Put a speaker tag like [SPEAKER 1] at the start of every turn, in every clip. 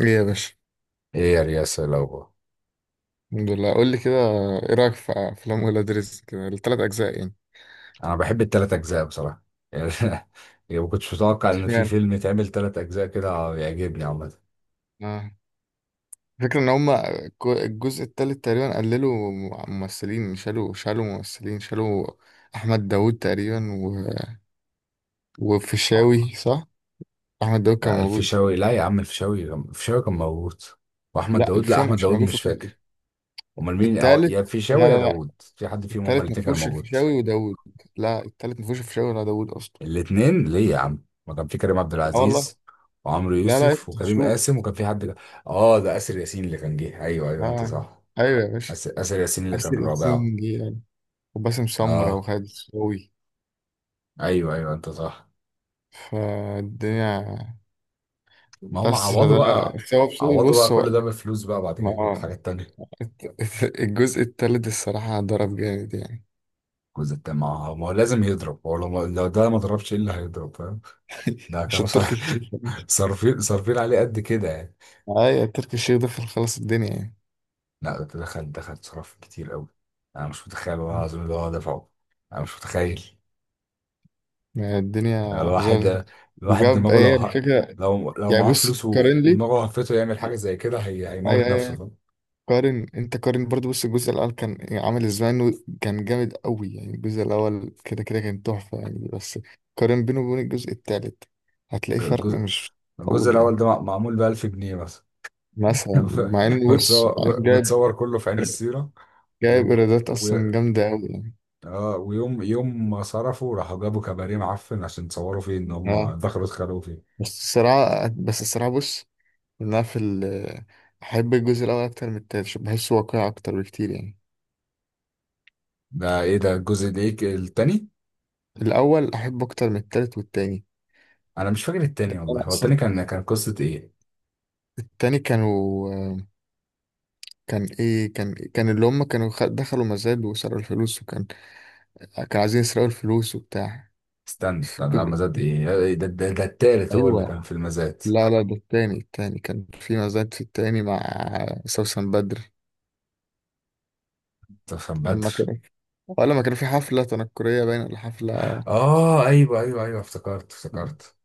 [SPEAKER 1] ايه يا باشا.
[SPEAKER 2] ايه يا رياسة لو.
[SPEAKER 1] الحمد لله، قول لي كده. ايه رايك في افلام ولاد رزق كده الثلاث اجزاء يعني؟
[SPEAKER 2] انا بحب التلات اجزاء بصراحة. يعني يعني ما كنتش متوقع ان في
[SPEAKER 1] اشمعنى
[SPEAKER 2] فيلم يتعمل تلات اجزاء كده يعجبني عامة.
[SPEAKER 1] آه. الفكره ان هم الجزء الثالث تقريبا قللوا ممثلين، شالوا ممثلين شالوا احمد داوود تقريبا
[SPEAKER 2] اه،
[SPEAKER 1] وفيشاوي صح. احمد داوود كان
[SPEAKER 2] لا
[SPEAKER 1] موجود.
[SPEAKER 2] الفيشاوي، لا يا عم، الفيشاوي كان موجود، واحمد
[SPEAKER 1] لا،
[SPEAKER 2] داوود، لا
[SPEAKER 1] الفيشاوي
[SPEAKER 2] احمد
[SPEAKER 1] مش
[SPEAKER 2] داوود
[SPEAKER 1] موجود في
[SPEAKER 2] مش
[SPEAKER 1] الجزء
[SPEAKER 2] فاكر. امال مين؟ اه، يا
[SPEAKER 1] الثالث. لا
[SPEAKER 2] الفيشاوي يا
[SPEAKER 1] لا لا
[SPEAKER 2] داوود. في حد فيهم، هما
[SPEAKER 1] الثالث ما
[SPEAKER 2] الاتنين كانوا
[SPEAKER 1] فيهوش
[SPEAKER 2] موجود.
[SPEAKER 1] الفيشاوي وداوود. لا، الثالث ما فيهوش الفيشاوي ولا داوود اصلا.
[SPEAKER 2] الاتنين ليه يا عم، ما كان في كريم عبد
[SPEAKER 1] اه والله.
[SPEAKER 2] العزيز وعمرو
[SPEAKER 1] لا
[SPEAKER 2] يوسف
[SPEAKER 1] افتح
[SPEAKER 2] وكريم
[SPEAKER 1] شوف.
[SPEAKER 2] قاسم، وكان في حد اه، ده اسر ياسين اللي كان جه. ايوه ايوه انت
[SPEAKER 1] لا.
[SPEAKER 2] صح.
[SPEAKER 1] ايوه يا باشا.
[SPEAKER 2] اسر ياسين اللي
[SPEAKER 1] احسن
[SPEAKER 2] كان رابعه.
[SPEAKER 1] 20 جيجا. وباسم سمرة
[SPEAKER 2] اه
[SPEAKER 1] وخالد الصاوي
[SPEAKER 2] ايوه ايوه انت صح.
[SPEAKER 1] فالدنيا.
[SPEAKER 2] ما هم
[SPEAKER 1] بس
[SPEAKER 2] عوضوا
[SPEAKER 1] ده
[SPEAKER 2] بقى،
[SPEAKER 1] سبب سوي،
[SPEAKER 2] عوضوا بقى
[SPEAKER 1] بص هو
[SPEAKER 2] كل ده بالفلوس بقى، بعد
[SPEAKER 1] ما
[SPEAKER 2] كده بحاجات تانية.
[SPEAKER 1] الجزء التالت الصراحة ضرب جامد يعني.
[SPEAKER 2] الجزء التاني ما هو لازم يضرب. هو لو ده ما ضربش، ايه اللي هيضرب؟ فاهم؟ ده كانوا
[SPEAKER 1] عشان
[SPEAKER 2] صار-
[SPEAKER 1] تركي الشيخ.
[SPEAKER 2] صارفين عليه قد كده يعني.
[SPEAKER 1] أيوة تركي الشيخ ده في، خلاص الدنيا يعني.
[SPEAKER 2] لا، ده دخل صرف كتير قوي. انا مش متخيل، والله العظيم، اللي هو دفعه. انا مش متخيل.
[SPEAKER 1] ما الدنيا زغ
[SPEAKER 2] الواحد الواحد
[SPEAKER 1] وجاب،
[SPEAKER 2] دماغه
[SPEAKER 1] هي الفكرة.
[SPEAKER 2] لو
[SPEAKER 1] يعني
[SPEAKER 2] معاه
[SPEAKER 1] بص
[SPEAKER 2] فلوس
[SPEAKER 1] تقارن لي.
[SPEAKER 2] ودماغه هفته يعمل حاجه زي كده، هيموت
[SPEAKER 1] أيوة
[SPEAKER 2] نفسه،
[SPEAKER 1] أيوة.
[SPEAKER 2] فاهم؟
[SPEAKER 1] قارن انت، قارن برضو، بص الجزء الاول كان عامل ازاي، انه كان جامد قوي يعني. الجزء الاول كده كان تحفه يعني. بس قارن بينه وبين الجزء التالت، هتلاقي فرق
[SPEAKER 2] الجزء
[SPEAKER 1] مش
[SPEAKER 2] الجزء
[SPEAKER 1] معقول
[SPEAKER 2] الاول
[SPEAKER 1] يعني.
[SPEAKER 2] ده معمول ب 1000 جنيه مثلا.
[SPEAKER 1] مثلا مع انه بص، مع انه
[SPEAKER 2] متصور
[SPEAKER 1] جايب،
[SPEAKER 2] متصور كله في عين السيرة.
[SPEAKER 1] جايب
[SPEAKER 2] و...
[SPEAKER 1] ايرادات
[SPEAKER 2] و...
[SPEAKER 1] اصلا جامده قوي يعني.
[SPEAKER 2] ويوم يوم ما صرفوا، راحوا جابوا كباريه معفن عشان تصوروا فيه ان
[SPEAKER 1] اه
[SPEAKER 2] هم دخلوا اتخانقوا فيه.
[SPEAKER 1] بس الصراحه، بص، انا في ال- احب الجزء الاول اكتر من التالت عشان بحسه واقعي اكتر بكتير يعني.
[SPEAKER 2] ده ايه ده الجزء ده، ايه التاني؟
[SPEAKER 1] الاول احبه اكتر من التالت والتاني.
[SPEAKER 2] انا مش فاكر التاني
[SPEAKER 1] ده
[SPEAKER 2] والله،
[SPEAKER 1] انا
[SPEAKER 2] هو التاني
[SPEAKER 1] اصلا.
[SPEAKER 2] كان قصة ايه؟
[SPEAKER 1] التاني كانوا، كان ايه، كان اللي هم كانوا دخلوا مزاد وسرقوا الفلوس، وكان كانوا عايزين يسرقوا الفلوس وبتاع.
[SPEAKER 2] استنى
[SPEAKER 1] في
[SPEAKER 2] استنى، لا مزاد
[SPEAKER 1] الجزء-
[SPEAKER 2] ايه ده, التالت هو اللي
[SPEAKER 1] ايوه.
[SPEAKER 2] كان في المزاد.
[SPEAKER 1] لا لا، ده التاني، التاني كان في مزاد، في التاني مع سوسن بدر
[SPEAKER 2] ده كان بدر.
[SPEAKER 1] لما كان، ولا لما كان في حفلة تنكرية باين، ولا حفلة.
[SPEAKER 2] اه ايوه ايوه ايوه، افتكرت افتكرت.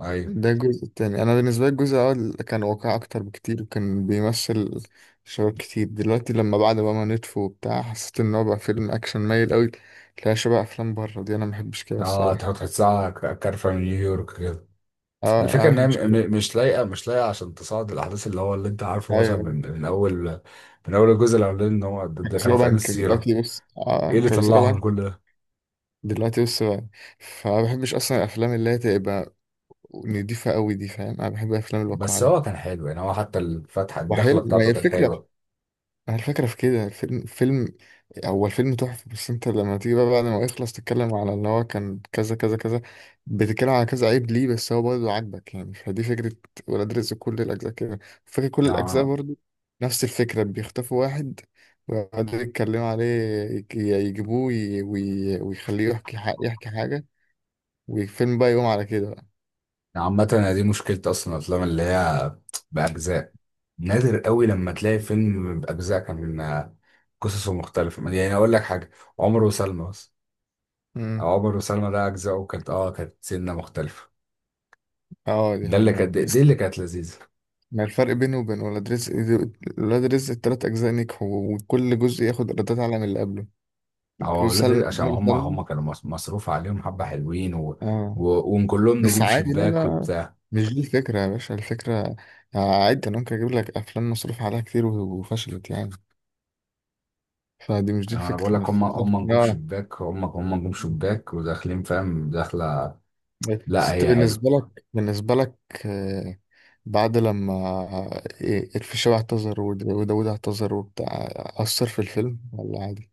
[SPEAKER 2] ايوه.
[SPEAKER 1] ده الجزء التاني. انا بالنسبة لي الجزء الاول كان واقعي اكتر بكتير، وكان بيمثل شباب كتير دلوقتي. لما بعد بقى ما نتفو وبتاع حسيت ان هو بقى فيلم اكشن مايل قوي، تلاقي شبه افلام بره، دي انا ما بحبش كده
[SPEAKER 2] اه، تحط
[SPEAKER 1] الصراحة.
[SPEAKER 2] تحسها كارفة من نيويورك.
[SPEAKER 1] اه انا
[SPEAKER 2] الفكرة
[SPEAKER 1] ما
[SPEAKER 2] ان هي
[SPEAKER 1] بحبش كده.
[SPEAKER 2] مش لايقة، مش لايقة عشان تصعد الاحداث اللي هو اللي انت عارفه، مثلا
[SPEAKER 1] ايوه
[SPEAKER 2] من اول، من اول الجزء الاولاني، ان هو ده
[SPEAKER 1] كانوا
[SPEAKER 2] ده كانوا
[SPEAKER 1] بيسرقوا
[SPEAKER 2] في عين
[SPEAKER 1] بنك
[SPEAKER 2] السيرة.
[SPEAKER 1] دلوقتي بس،
[SPEAKER 2] ايه
[SPEAKER 1] اه
[SPEAKER 2] اللي
[SPEAKER 1] كانوا بيسرقوا
[SPEAKER 2] طلعهم
[SPEAKER 1] بنك
[SPEAKER 2] كل ده؟
[SPEAKER 1] دلوقتي بس بقى. فما بحبش اصلا الافلام اللي هي تبقى نضيفه قوي دي، فاهم؟ انا بحب الافلام
[SPEAKER 2] بس هو
[SPEAKER 1] الواقعيه.
[SPEAKER 2] كان حلو يعني، هو حتى الفتحة الدخلة
[SPEAKER 1] وحلو، ما هي
[SPEAKER 2] بتاعته كانت
[SPEAKER 1] الفكره،
[SPEAKER 2] حلوة.
[SPEAKER 1] هي الفكرة في كده، الفيلم فيلم، هو الفيلم تحفة. بس انت لما تيجي بقى بعد ما يخلص، تتكلم على ان هو كان كذا كذا كذا، بتتكلم على كذا عيب ليه بس هو برضه عاجبك يعني. فدي فكرة ولاد رزق كل الأجزاء كده، فكرة كل الأجزاء
[SPEAKER 2] نعم-
[SPEAKER 1] برضه نفس الفكرة. بيخطفوا واحد ويقعدوا يتكلموا عليه، يجيبوه ويخليه يحكي يحكي حاجة، والفيلم بقى يقوم على كده بقى.
[SPEAKER 2] عامة أنا دي مشكلة اصلا، الافلام اللي هي باجزاء. نادر قوي لما تلاقي فيلم باجزاء كان قصصه مختلفة. يعني اقول لك حاجة، عمر وسلمى بس،
[SPEAKER 1] مم.
[SPEAKER 2] او عمر وسلمى ده، اجزاؤه كانت كانت سنة مختلفة.
[SPEAKER 1] اه دي
[SPEAKER 2] ده اللي
[SPEAKER 1] حلوة.
[SPEAKER 2] كانت، دي اللي كانت لذيذة.
[SPEAKER 1] ما الفرق بينه وبين ولاد رزق؟ ولاد رزق التلات أجزاء نجحوا، وكل جزء ياخد إيرادات أعلى من اللي قبله.
[SPEAKER 2] هو
[SPEAKER 1] جزء
[SPEAKER 2] اولاد،
[SPEAKER 1] سلم
[SPEAKER 2] عشان
[SPEAKER 1] ناجح
[SPEAKER 2] هم
[SPEAKER 1] سلمى.
[SPEAKER 2] هم كانوا مصروف عليهم حبه، حلوين
[SPEAKER 1] آه.
[SPEAKER 2] و... وكلهم
[SPEAKER 1] بس
[SPEAKER 2] نجوم
[SPEAKER 1] عادي، لا
[SPEAKER 2] شباك
[SPEAKER 1] لا،
[SPEAKER 2] وبتاع.
[SPEAKER 1] مش دي الفكرة يا باشا. الفكرة آه، عادي، أنا ممكن أجيب لك أفلام مصروف عليها كتير وفشلت يعني. فدي مش دي
[SPEAKER 2] يعني انا بقول
[SPEAKER 1] الفكرة،
[SPEAKER 2] لك، هم
[SPEAKER 1] الفكرة
[SPEAKER 2] هم نجوم
[SPEAKER 1] آه.
[SPEAKER 2] شباك، هم نجوم شباك وداخلين، فاهم، داخله.
[SPEAKER 1] بس
[SPEAKER 2] لا
[SPEAKER 1] أنت
[SPEAKER 2] هي حلوه.
[SPEAKER 1] بالنسبة لك، بالنسبة لك آه، بعد لما آه، إيه، الفيشاوي اعتذر وداود اعتذر وبتاع، أثر في الفيلم ولا عادي؟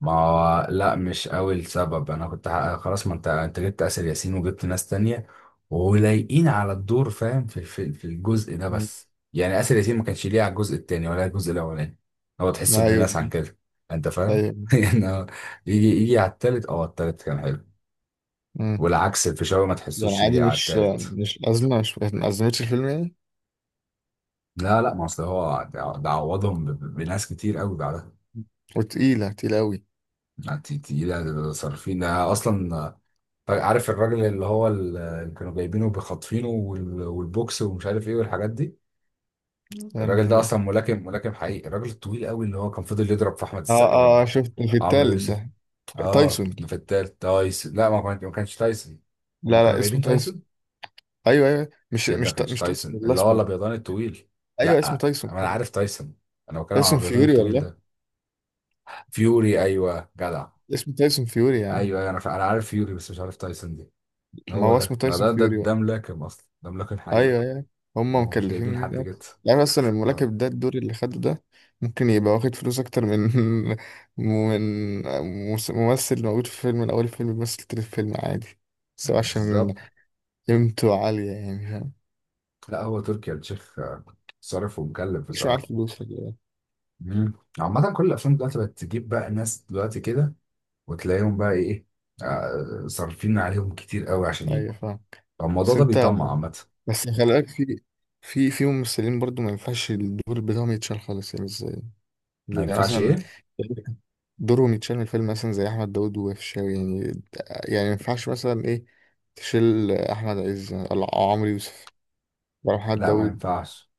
[SPEAKER 2] ما هو لا، مش قوي السبب. انا كنت خلاص، ما انت جبت اسر ياسين وجبت ناس تانية
[SPEAKER 1] مم.
[SPEAKER 2] ولايقين على الدور، فاهم، في في الجزء ده.
[SPEAKER 1] مم.
[SPEAKER 2] بس يعني اسر ياسين ما كانش ليه على الجزء التاني ولا الجزء الاولاني. هو تحسه ابن ناس عن
[SPEAKER 1] أيوه
[SPEAKER 2] كده. انت فاهم.
[SPEAKER 1] أيوه.
[SPEAKER 2] يعني هو يجي يجي على التالت، اه التالت كان حلو.
[SPEAKER 1] امم
[SPEAKER 2] والعكس الفيشاوي ما
[SPEAKER 1] يعني
[SPEAKER 2] تحسوش
[SPEAKER 1] عادي،
[SPEAKER 2] ليه على
[SPEAKER 1] مش
[SPEAKER 2] التالت.
[SPEAKER 1] مش أزمة، مش ما أزمتش الفيلم يعني.
[SPEAKER 2] لا لا، ما اصل هو ده عوضهم بناس كتير قوي بعدها.
[SPEAKER 1] وتقيلة تقيلة أوي
[SPEAKER 2] يعني تقيلة صارفين ده اصلا. طيب، عارف الراجل اللي هو اللي كانوا جايبينه بخاطفينه، والبوكس ومش عارف ايه والحاجات دي؟ الراجل ده
[SPEAKER 1] يعني.
[SPEAKER 2] اصلا ملاكم، ملاكم حقيقي، الراجل الطويل قوي اللي هو كان فضل يضرب في احمد
[SPEAKER 1] اه
[SPEAKER 2] السقا
[SPEAKER 1] اه آه، شفت في
[SPEAKER 2] وعمرو
[SPEAKER 1] التالت
[SPEAKER 2] يوسف.
[SPEAKER 1] ده،
[SPEAKER 2] اه،
[SPEAKER 1] تايسون.
[SPEAKER 2] اللي في التالت تايسون؟ لا ما كانش تايسون. هما
[SPEAKER 1] لا
[SPEAKER 2] كانوا
[SPEAKER 1] لا، اسمه
[SPEAKER 2] جايبين
[SPEAKER 1] تايسون.
[SPEAKER 2] تايسون.
[SPEAKER 1] أيوه أيوه، مش
[SPEAKER 2] يا ابني ما
[SPEAKER 1] مش
[SPEAKER 2] كانش
[SPEAKER 1] مش
[SPEAKER 2] تايسون،
[SPEAKER 1] تايسون
[SPEAKER 2] اللي هو
[SPEAKER 1] الأسمر.
[SPEAKER 2] الابيضاني الطويل.
[SPEAKER 1] أيوه اسمه
[SPEAKER 2] لا
[SPEAKER 1] تايسون.
[SPEAKER 2] انا عارف تايسون، انا بتكلم على
[SPEAKER 1] تايسون
[SPEAKER 2] الابيضاني
[SPEAKER 1] فيوري
[SPEAKER 2] الطويل
[SPEAKER 1] والله.
[SPEAKER 2] ده. فيوري، ايوه جدع.
[SPEAKER 1] اسمه تايسون فيوري يا
[SPEAKER 2] ايوه
[SPEAKER 1] عم.
[SPEAKER 2] أيوه، انا عارف فيوري، بس مش عارف تايسون دي.
[SPEAKER 1] ما
[SPEAKER 2] هو
[SPEAKER 1] هو اسمه تايسون فيوري.
[SPEAKER 2] ده ملاكم اصلا، ده ملاكم حقيقي.
[SPEAKER 1] ايوه ايوه. هم
[SPEAKER 2] هو مش
[SPEAKER 1] مكلفين
[SPEAKER 2] جايبين
[SPEAKER 1] جامد
[SPEAKER 2] حد
[SPEAKER 1] أوي.
[SPEAKER 2] جد.
[SPEAKER 1] يعني اصلا
[SPEAKER 2] آه،
[SPEAKER 1] الملاكب ده، الدور اللي خده ده ممكن يبقى واخد فلوس اكتر من من ممثل موجود في فيلم من اول الفيلم بيمثل تاني الفيلم عادي، بس هو
[SPEAKER 2] بالظبط.
[SPEAKER 1] عشان قيمته عالية يعني، فاهم؟
[SPEAKER 2] لا هو تركي آل الشيخ. صارف ومكلف
[SPEAKER 1] مش معاه
[SPEAKER 2] بصراحه.
[SPEAKER 1] فلوس ولا
[SPEAKER 2] مم. عامه كل الافلام دلوقتي بقت تجيب بقى ناس دلوقتي كده، وتلاقيهم بقى ايه، صارفين عليهم كتير قوي عشان
[SPEAKER 1] إيه. ايوه
[SPEAKER 2] يجوا.
[SPEAKER 1] فاهم.
[SPEAKER 2] فالموضوع
[SPEAKER 1] بس
[SPEAKER 2] ده
[SPEAKER 1] انت،
[SPEAKER 2] بيطمع عامه.
[SPEAKER 1] بس خلي بالك، في ممثلين برضو ما ينفعش الدور بتاعهم يتشال خالص يعني. ازاي
[SPEAKER 2] ما
[SPEAKER 1] يعني؟
[SPEAKER 2] ينفعش
[SPEAKER 1] مثلا
[SPEAKER 2] ايه؟
[SPEAKER 1] دوره متشال من الفيلم، مثلا زي احمد داود وفيشاوي يعني. يعني ما ينفعش مثلا ايه، تشيل احمد عز او عمرو يوسف ولا محمد
[SPEAKER 2] لا ما
[SPEAKER 1] داود،
[SPEAKER 2] ينفعش.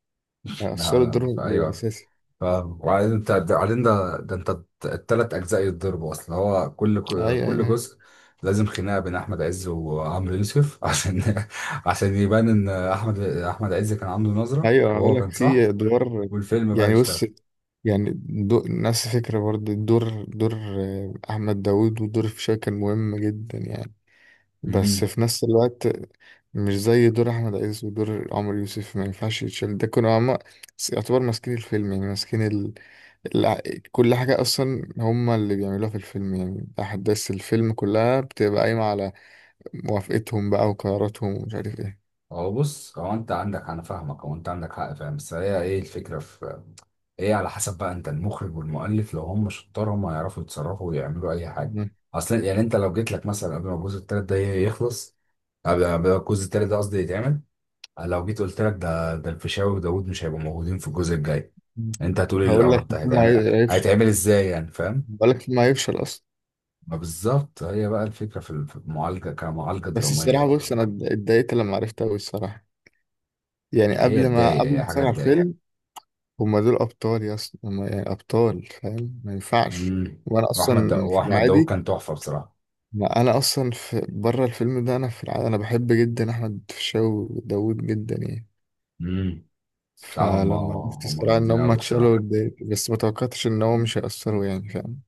[SPEAKER 2] لا
[SPEAKER 1] اثر
[SPEAKER 2] لا
[SPEAKER 1] الدور بيبقى
[SPEAKER 2] ايوه
[SPEAKER 1] اساسي.
[SPEAKER 2] فاهم. وبعدين انت بعدين ده انت التلات اجزاء يتضربوا، اصل هو
[SPEAKER 1] ايوه
[SPEAKER 2] كل
[SPEAKER 1] ايوه
[SPEAKER 2] جزء لازم خناقه بين احمد عز وعمرو يوسف عشان، عشان يبان ان احمد عز كان عنده نظره
[SPEAKER 1] ايوه اقول
[SPEAKER 2] وهو
[SPEAKER 1] لك
[SPEAKER 2] كان
[SPEAKER 1] في
[SPEAKER 2] صح،
[SPEAKER 1] ادوار،
[SPEAKER 2] والفيلم بقى
[SPEAKER 1] يعني بص،
[SPEAKER 2] يشتغل.
[SPEAKER 1] يعني نفس الفكره برضه، الدور دور آه، احمد داود ودور فيشاوي كان مهم جدا يعني. بس
[SPEAKER 2] امم.
[SPEAKER 1] في نفس الوقت مش زي دور احمد عز ودور عمرو يوسف، ما ينفعش يتشال، ده كانوا هما يعتبر ماسكين الفيلم يعني، ماسكين الع- كل حاجة أصلا هما اللي بيعملوها في الفيلم، يعني أحداث الفيلم كلها بتبقى قايمة على موافقتهم بقى وقراراتهم ومش عارف إيه.
[SPEAKER 2] هو بص، هو انت عندك، انا فاهمك، هو انت عندك حق فاهم، بس هي ايه الفكره؟ ايه على حسب بقى انت المخرج والمؤلف. لو هم شطار هم هيعرفوا يتصرفوا ويعملوا اي حاجه
[SPEAKER 1] مم.
[SPEAKER 2] اصلا. يعني انت لو جيت لك مثلا قبل ما الجزء التالت ده يخلص، قبل ما الجزء التالت ده قصدي يتعمل، لو جيت قلت لك ده الفيشاوي وداوود مش هيبقوا موجودين في الجزء الجاي،
[SPEAKER 1] مم.
[SPEAKER 2] انت هتقول ايه
[SPEAKER 1] هقول لك
[SPEAKER 2] القرف ده
[SPEAKER 1] الفيلم
[SPEAKER 2] هيتعمل،
[SPEAKER 1] هيفشل،
[SPEAKER 2] هيتعمل ازاي يعني، فاهم؟
[SPEAKER 1] هقول لك الفيلم هيفشل أصلا.
[SPEAKER 2] ما بالظبط، هي بقى الفكره في في المعالجه كمعالجه
[SPEAKER 1] بس
[SPEAKER 2] دراميه
[SPEAKER 1] الصراحة بص،
[SPEAKER 2] بقى.
[SPEAKER 1] أنا اتضايقت لما عرفت أوي الصراحة، يعني
[SPEAKER 2] ما هي
[SPEAKER 1] قبل ما
[SPEAKER 2] تضايق،
[SPEAKER 1] قبل
[SPEAKER 2] هي
[SPEAKER 1] ما
[SPEAKER 2] حاجه
[SPEAKER 1] أتفرج على
[SPEAKER 2] تضايق.
[SPEAKER 1] الفيلم. هما دول أبطال يا أصلا، هما يعني أبطال، فاهم، ما ينفعش.
[SPEAKER 2] امم.
[SPEAKER 1] وأنا أصلا في
[SPEAKER 2] واحمد داوود
[SPEAKER 1] العادي،
[SPEAKER 2] كان تحفه بصراحه.
[SPEAKER 1] ما أنا أصلا في بره الفيلم ده، أنا في العادي أنا بحب جدا أحمد فيشاو وداوود جدا يعني.
[SPEAKER 2] امم. بصراحه هم
[SPEAKER 1] فلما عرفت
[SPEAKER 2] هم
[SPEAKER 1] الصراحة إن
[SPEAKER 2] جامدين
[SPEAKER 1] هم
[SPEAKER 2] قوي
[SPEAKER 1] اتشالوا
[SPEAKER 2] بصراحه.
[SPEAKER 1] اتضايقت، بس ما توقعتش إن هو مش هيأثروا يعني، فاهم؟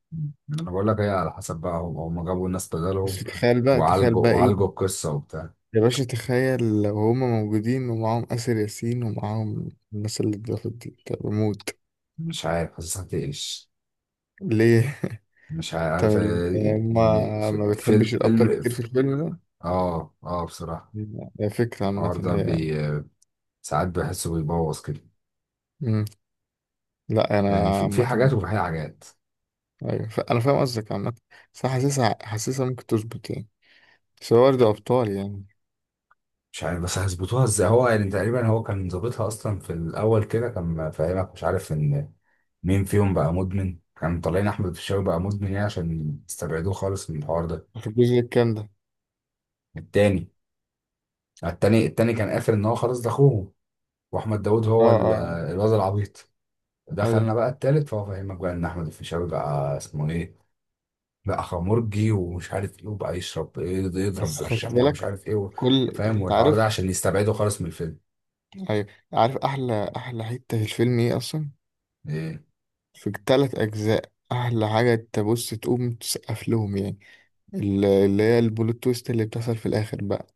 [SPEAKER 2] انا بقول لك، هي على حسب بقى هم جابوا ناس
[SPEAKER 1] بس
[SPEAKER 2] بدلهم
[SPEAKER 1] تخيل بقى تخيل
[SPEAKER 2] وعالجوا
[SPEAKER 1] بقى إيه
[SPEAKER 2] وعالجوا القصه وبتاع.
[SPEAKER 1] يا باشا، تخيل لو هم موجودين ومعاهم آسر ياسين ومعاهم الناس اللي اتضافت دي، طب بموت.
[SPEAKER 2] مش عارف، حاسسها تقلش.
[SPEAKER 1] ليه؟
[SPEAKER 2] مش
[SPEAKER 1] طب
[SPEAKER 2] عارف إيه،
[SPEAKER 1] هم،
[SPEAKER 2] يعني
[SPEAKER 1] ما
[SPEAKER 2] فيلم
[SPEAKER 1] بتحبش
[SPEAKER 2] فيلم
[SPEAKER 1] الأبطال كتير في الفيلم ده؟
[SPEAKER 2] اه اه بصراحه.
[SPEAKER 1] لا، هي فكرة عامة
[SPEAKER 2] الحوار ده
[SPEAKER 1] هي
[SPEAKER 2] بي
[SPEAKER 1] يعني.
[SPEAKER 2] ساعات بحسه بيبوظ كده.
[SPEAKER 1] مم. لا أنا
[SPEAKER 2] يعني في
[SPEAKER 1] عامة،
[SPEAKER 2] حاجات وفي حاجات.
[SPEAKER 1] أيوة أنا فاهم قصدك عامة، بس أنا حاسسها حاسسها ممكن تظبط يعني، بس هو برضه أبطال يعني.
[SPEAKER 2] مش عارف بس هيظبطوها ازاي. هو يعني تقريبا هو كان ظابطها اصلا في الاول كده، كان فاهمك، مش عارف ان مين فيهم بقى مدمن. كان طالعين احمد الفيشاوي بقى مدمن، يعني عشان يستبعدوه خالص من الحوار ده.
[SPEAKER 1] في الجزء الكام ده؟
[SPEAKER 2] التاني. التاني كان قافل ان هو خلاص ده اخوه، واحمد داوود
[SPEAKER 1] اه
[SPEAKER 2] هو
[SPEAKER 1] اه.
[SPEAKER 2] الواد العبيط.
[SPEAKER 1] ايوه.
[SPEAKER 2] دخلنا بقى التالت، فهو فاهمك بقى ان احمد الفيشاوي بقى اسمه ايه، بقى خمرجي ومش عارف ايه، وبقى يشرب ايه ده، يضرب
[SPEAKER 1] بس خدت
[SPEAKER 2] برشام ومش
[SPEAKER 1] بالك؟
[SPEAKER 2] عارف ايه
[SPEAKER 1] كل
[SPEAKER 2] فاهم،
[SPEAKER 1] انت
[SPEAKER 2] والحوار ده
[SPEAKER 1] عارف
[SPEAKER 2] عشان يستبعده خالص من الفيلم.
[SPEAKER 1] أي- عارف، احلى حته في الفيلم ايه اصلا
[SPEAKER 2] ايه.
[SPEAKER 1] في التلات اجزاء؟ احلى حاجه تبص تقوم تسقف لهم يعني، اللي هي البلوت تويست اللي بتحصل في الاخر بقى.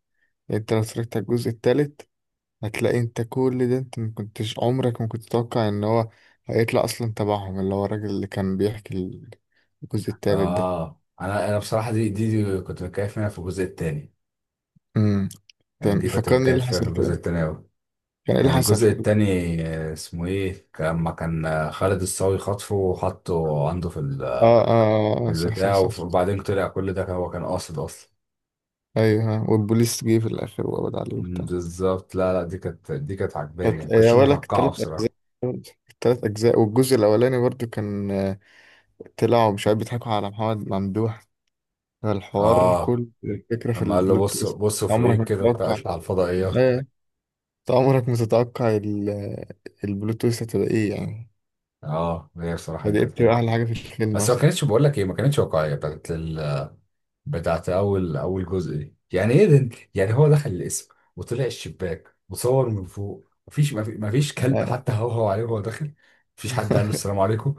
[SPEAKER 1] يعني انت لو اتفرجت على الجزء التالت هتلاقي انت كل ده، انت ما كنتش عمرك، ما كنت تتوقع ان هو هيطلع اصلا تبعهم، اللي هو الراجل اللي كان بيحكي الجزء التالت ده.
[SPEAKER 2] اه انا بصراحه دي كنت متكيف منها في الجزء التاني.
[SPEAKER 1] امم
[SPEAKER 2] يعني
[SPEAKER 1] تمام،
[SPEAKER 2] دي كنت
[SPEAKER 1] فكرني ايه اللي
[SPEAKER 2] متكيف فيها في
[SPEAKER 1] حصل
[SPEAKER 2] الجزء
[SPEAKER 1] كده،
[SPEAKER 2] التاني أوي.
[SPEAKER 1] كان ايه اللي
[SPEAKER 2] كان
[SPEAKER 1] حصل
[SPEAKER 2] الجزء التاني، اسمه ايه، لما كان خالد الصاوي خطفه وحطه عنده في
[SPEAKER 1] اه اه آه، آه، صح صح
[SPEAKER 2] البتاع،
[SPEAKER 1] صح.
[SPEAKER 2] وبعدين طلع كل ده هو كان قاصد اصلا.
[SPEAKER 1] ايوه ها، والبوليس جه في الاخر وقبض عليه
[SPEAKER 2] مم،
[SPEAKER 1] وبتاع.
[SPEAKER 2] بالظبط. لا لا، دي كانت، دي كانت عجباني يعني،
[SPEAKER 1] كانت
[SPEAKER 2] ما
[SPEAKER 1] يا
[SPEAKER 2] كنتش
[SPEAKER 1] ولك
[SPEAKER 2] متوقعه
[SPEAKER 1] التلات أجزاء،
[SPEAKER 2] بصراحه.
[SPEAKER 1] التلات اجزاء. والجزء الاولاني برضو كان آه، طلعوا مش عارف بيضحكوا على محمد ممدوح، الحوار
[SPEAKER 2] اه
[SPEAKER 1] كل الفكره في
[SPEAKER 2] لما قال له
[SPEAKER 1] البلوت
[SPEAKER 2] بص
[SPEAKER 1] تويست.
[SPEAKER 2] بص
[SPEAKER 1] عمرك
[SPEAKER 2] فوقيك
[SPEAKER 1] ما
[SPEAKER 2] كده بتاع،
[SPEAKER 1] تتوقع.
[SPEAKER 2] اطلع على الفضائيات.
[SPEAKER 1] ايوه، انت عمرك ما تتوقع البلوت تويست هتبقى ايه يعني.
[SPEAKER 2] اه، هي بصراحه
[SPEAKER 1] ده
[SPEAKER 2] دي
[SPEAKER 1] دي
[SPEAKER 2] كانت
[SPEAKER 1] بتبقى
[SPEAKER 2] حلوه.
[SPEAKER 1] احلى حاجه في الفيلم
[SPEAKER 2] بس ما
[SPEAKER 1] اصلا.
[SPEAKER 2] كانتش، بقول لك ايه، ما كانتش واقعيه بتاعت اول جزء دي، يعني ايه ده؟ يعني هو دخل القسم وطلع الشباك وصور من فوق، مفيش كلب حتى
[SPEAKER 1] آه،
[SPEAKER 2] هوهو عليه وهو داخل، مفيش حد قال له السلام عليكم.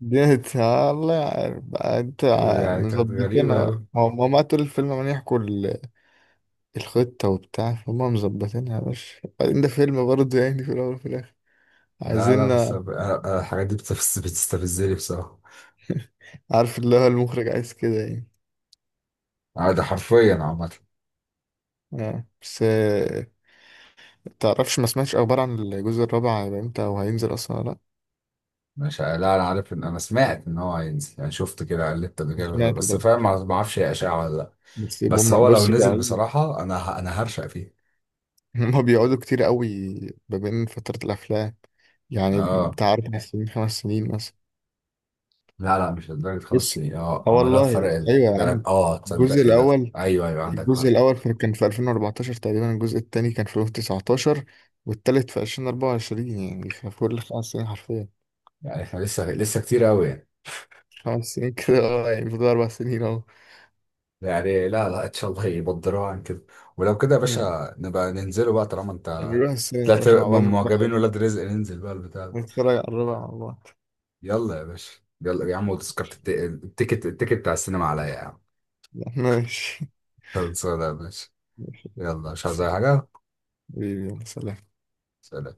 [SPEAKER 1] دي هت- الله يعرف بقى انت
[SPEAKER 2] يعني كانت غريبه
[SPEAKER 1] مظبطينها بقى،
[SPEAKER 2] قوي.
[SPEAKER 1] هو ما طول الفيلم عمال يحكوا الخطة وبتاع، فهم مظبطينها يا باشا. بعدين ده فيلم برضه يعني، في الأول وفي الآخر
[SPEAKER 2] لا لا
[SPEAKER 1] عايزين،
[SPEAKER 2] بس أنا الحاجات دي بتستفزني بصراحة.
[SPEAKER 1] عارف اللي هو المخرج عايز كده يعني.
[SPEAKER 2] آه، ده حرفيا عامة.
[SPEAKER 1] بس آه، تعرفش ما سمعتش أخبار عن الجزء الرابع هيبقى إمتى أو هينزل أصلا ولا لأ؟
[SPEAKER 2] مش ع- لا انا عارف ان انا سمعت ان هو هينزل، يعني شفت كده قلبت قبل كده،
[SPEAKER 1] سمعت
[SPEAKER 2] بس
[SPEAKER 1] برضه.
[SPEAKER 2] فاهم ما اعرفش هي اشاعة ولا لا.
[SPEAKER 1] بس
[SPEAKER 2] بس
[SPEAKER 1] هم
[SPEAKER 2] هو لو
[SPEAKER 1] بص
[SPEAKER 2] نزل
[SPEAKER 1] بيقعدوا،
[SPEAKER 2] بصراحة انا هرشق فيه.
[SPEAKER 1] هم بيقعدوا كتير قوي ما بين فترة الأفلام، يعني
[SPEAKER 2] اه
[SPEAKER 1] بتاع 4 سنين 5 سنين مثلا.
[SPEAKER 2] لا لا، مش لدرجة خمس
[SPEAKER 1] بس
[SPEAKER 2] سنين اه
[SPEAKER 1] اه
[SPEAKER 2] عملوها
[SPEAKER 1] والله.
[SPEAKER 2] بفرق
[SPEAKER 1] أيوه يا
[SPEAKER 2] تلات.
[SPEAKER 1] عم.
[SPEAKER 2] اه، تصدق
[SPEAKER 1] الجزء
[SPEAKER 2] ايه ده.
[SPEAKER 1] الأول،
[SPEAKER 2] ايوه ايوه عندك
[SPEAKER 1] الجزء
[SPEAKER 2] حق.
[SPEAKER 1] الأول كان في 2014 تقريبا، الجزء التاني كان في 2019، والتالت في 2024، يعني في كل 5 سنين حرفيا.
[SPEAKER 2] يعني احنا لسه، لسه كتير قوي.
[SPEAKER 1] 5 سنين كده، اه يعني فضل 4 سنين أهو.
[SPEAKER 2] يعني لا لا، ان شاء الله يبدروها عن كده. ولو كده يا
[SPEAKER 1] مم.
[SPEAKER 2] باشا نبقى ننزله بقى، طالما انت
[SPEAKER 1] هنروح السينما يا
[SPEAKER 2] طلعت
[SPEAKER 1] باشا مع بعض
[SPEAKER 2] من معجبين
[SPEAKER 1] نتفرج،
[SPEAKER 2] ولاد رزق، ننزل بقى البتاع ده.
[SPEAKER 1] نتفرج على الربع مع بعض.
[SPEAKER 2] يلا يا باشا، يلا يا عم، وتذكرة التيكت بتاع السينما عليا يا عم.
[SPEAKER 1] ماشي.
[SPEAKER 2] خلصانة يا باشا.
[SPEAKER 1] ماشي
[SPEAKER 2] يلا مش عايز أي حاجة.
[SPEAKER 1] حبيبي، يلا سلام.
[SPEAKER 2] سلام.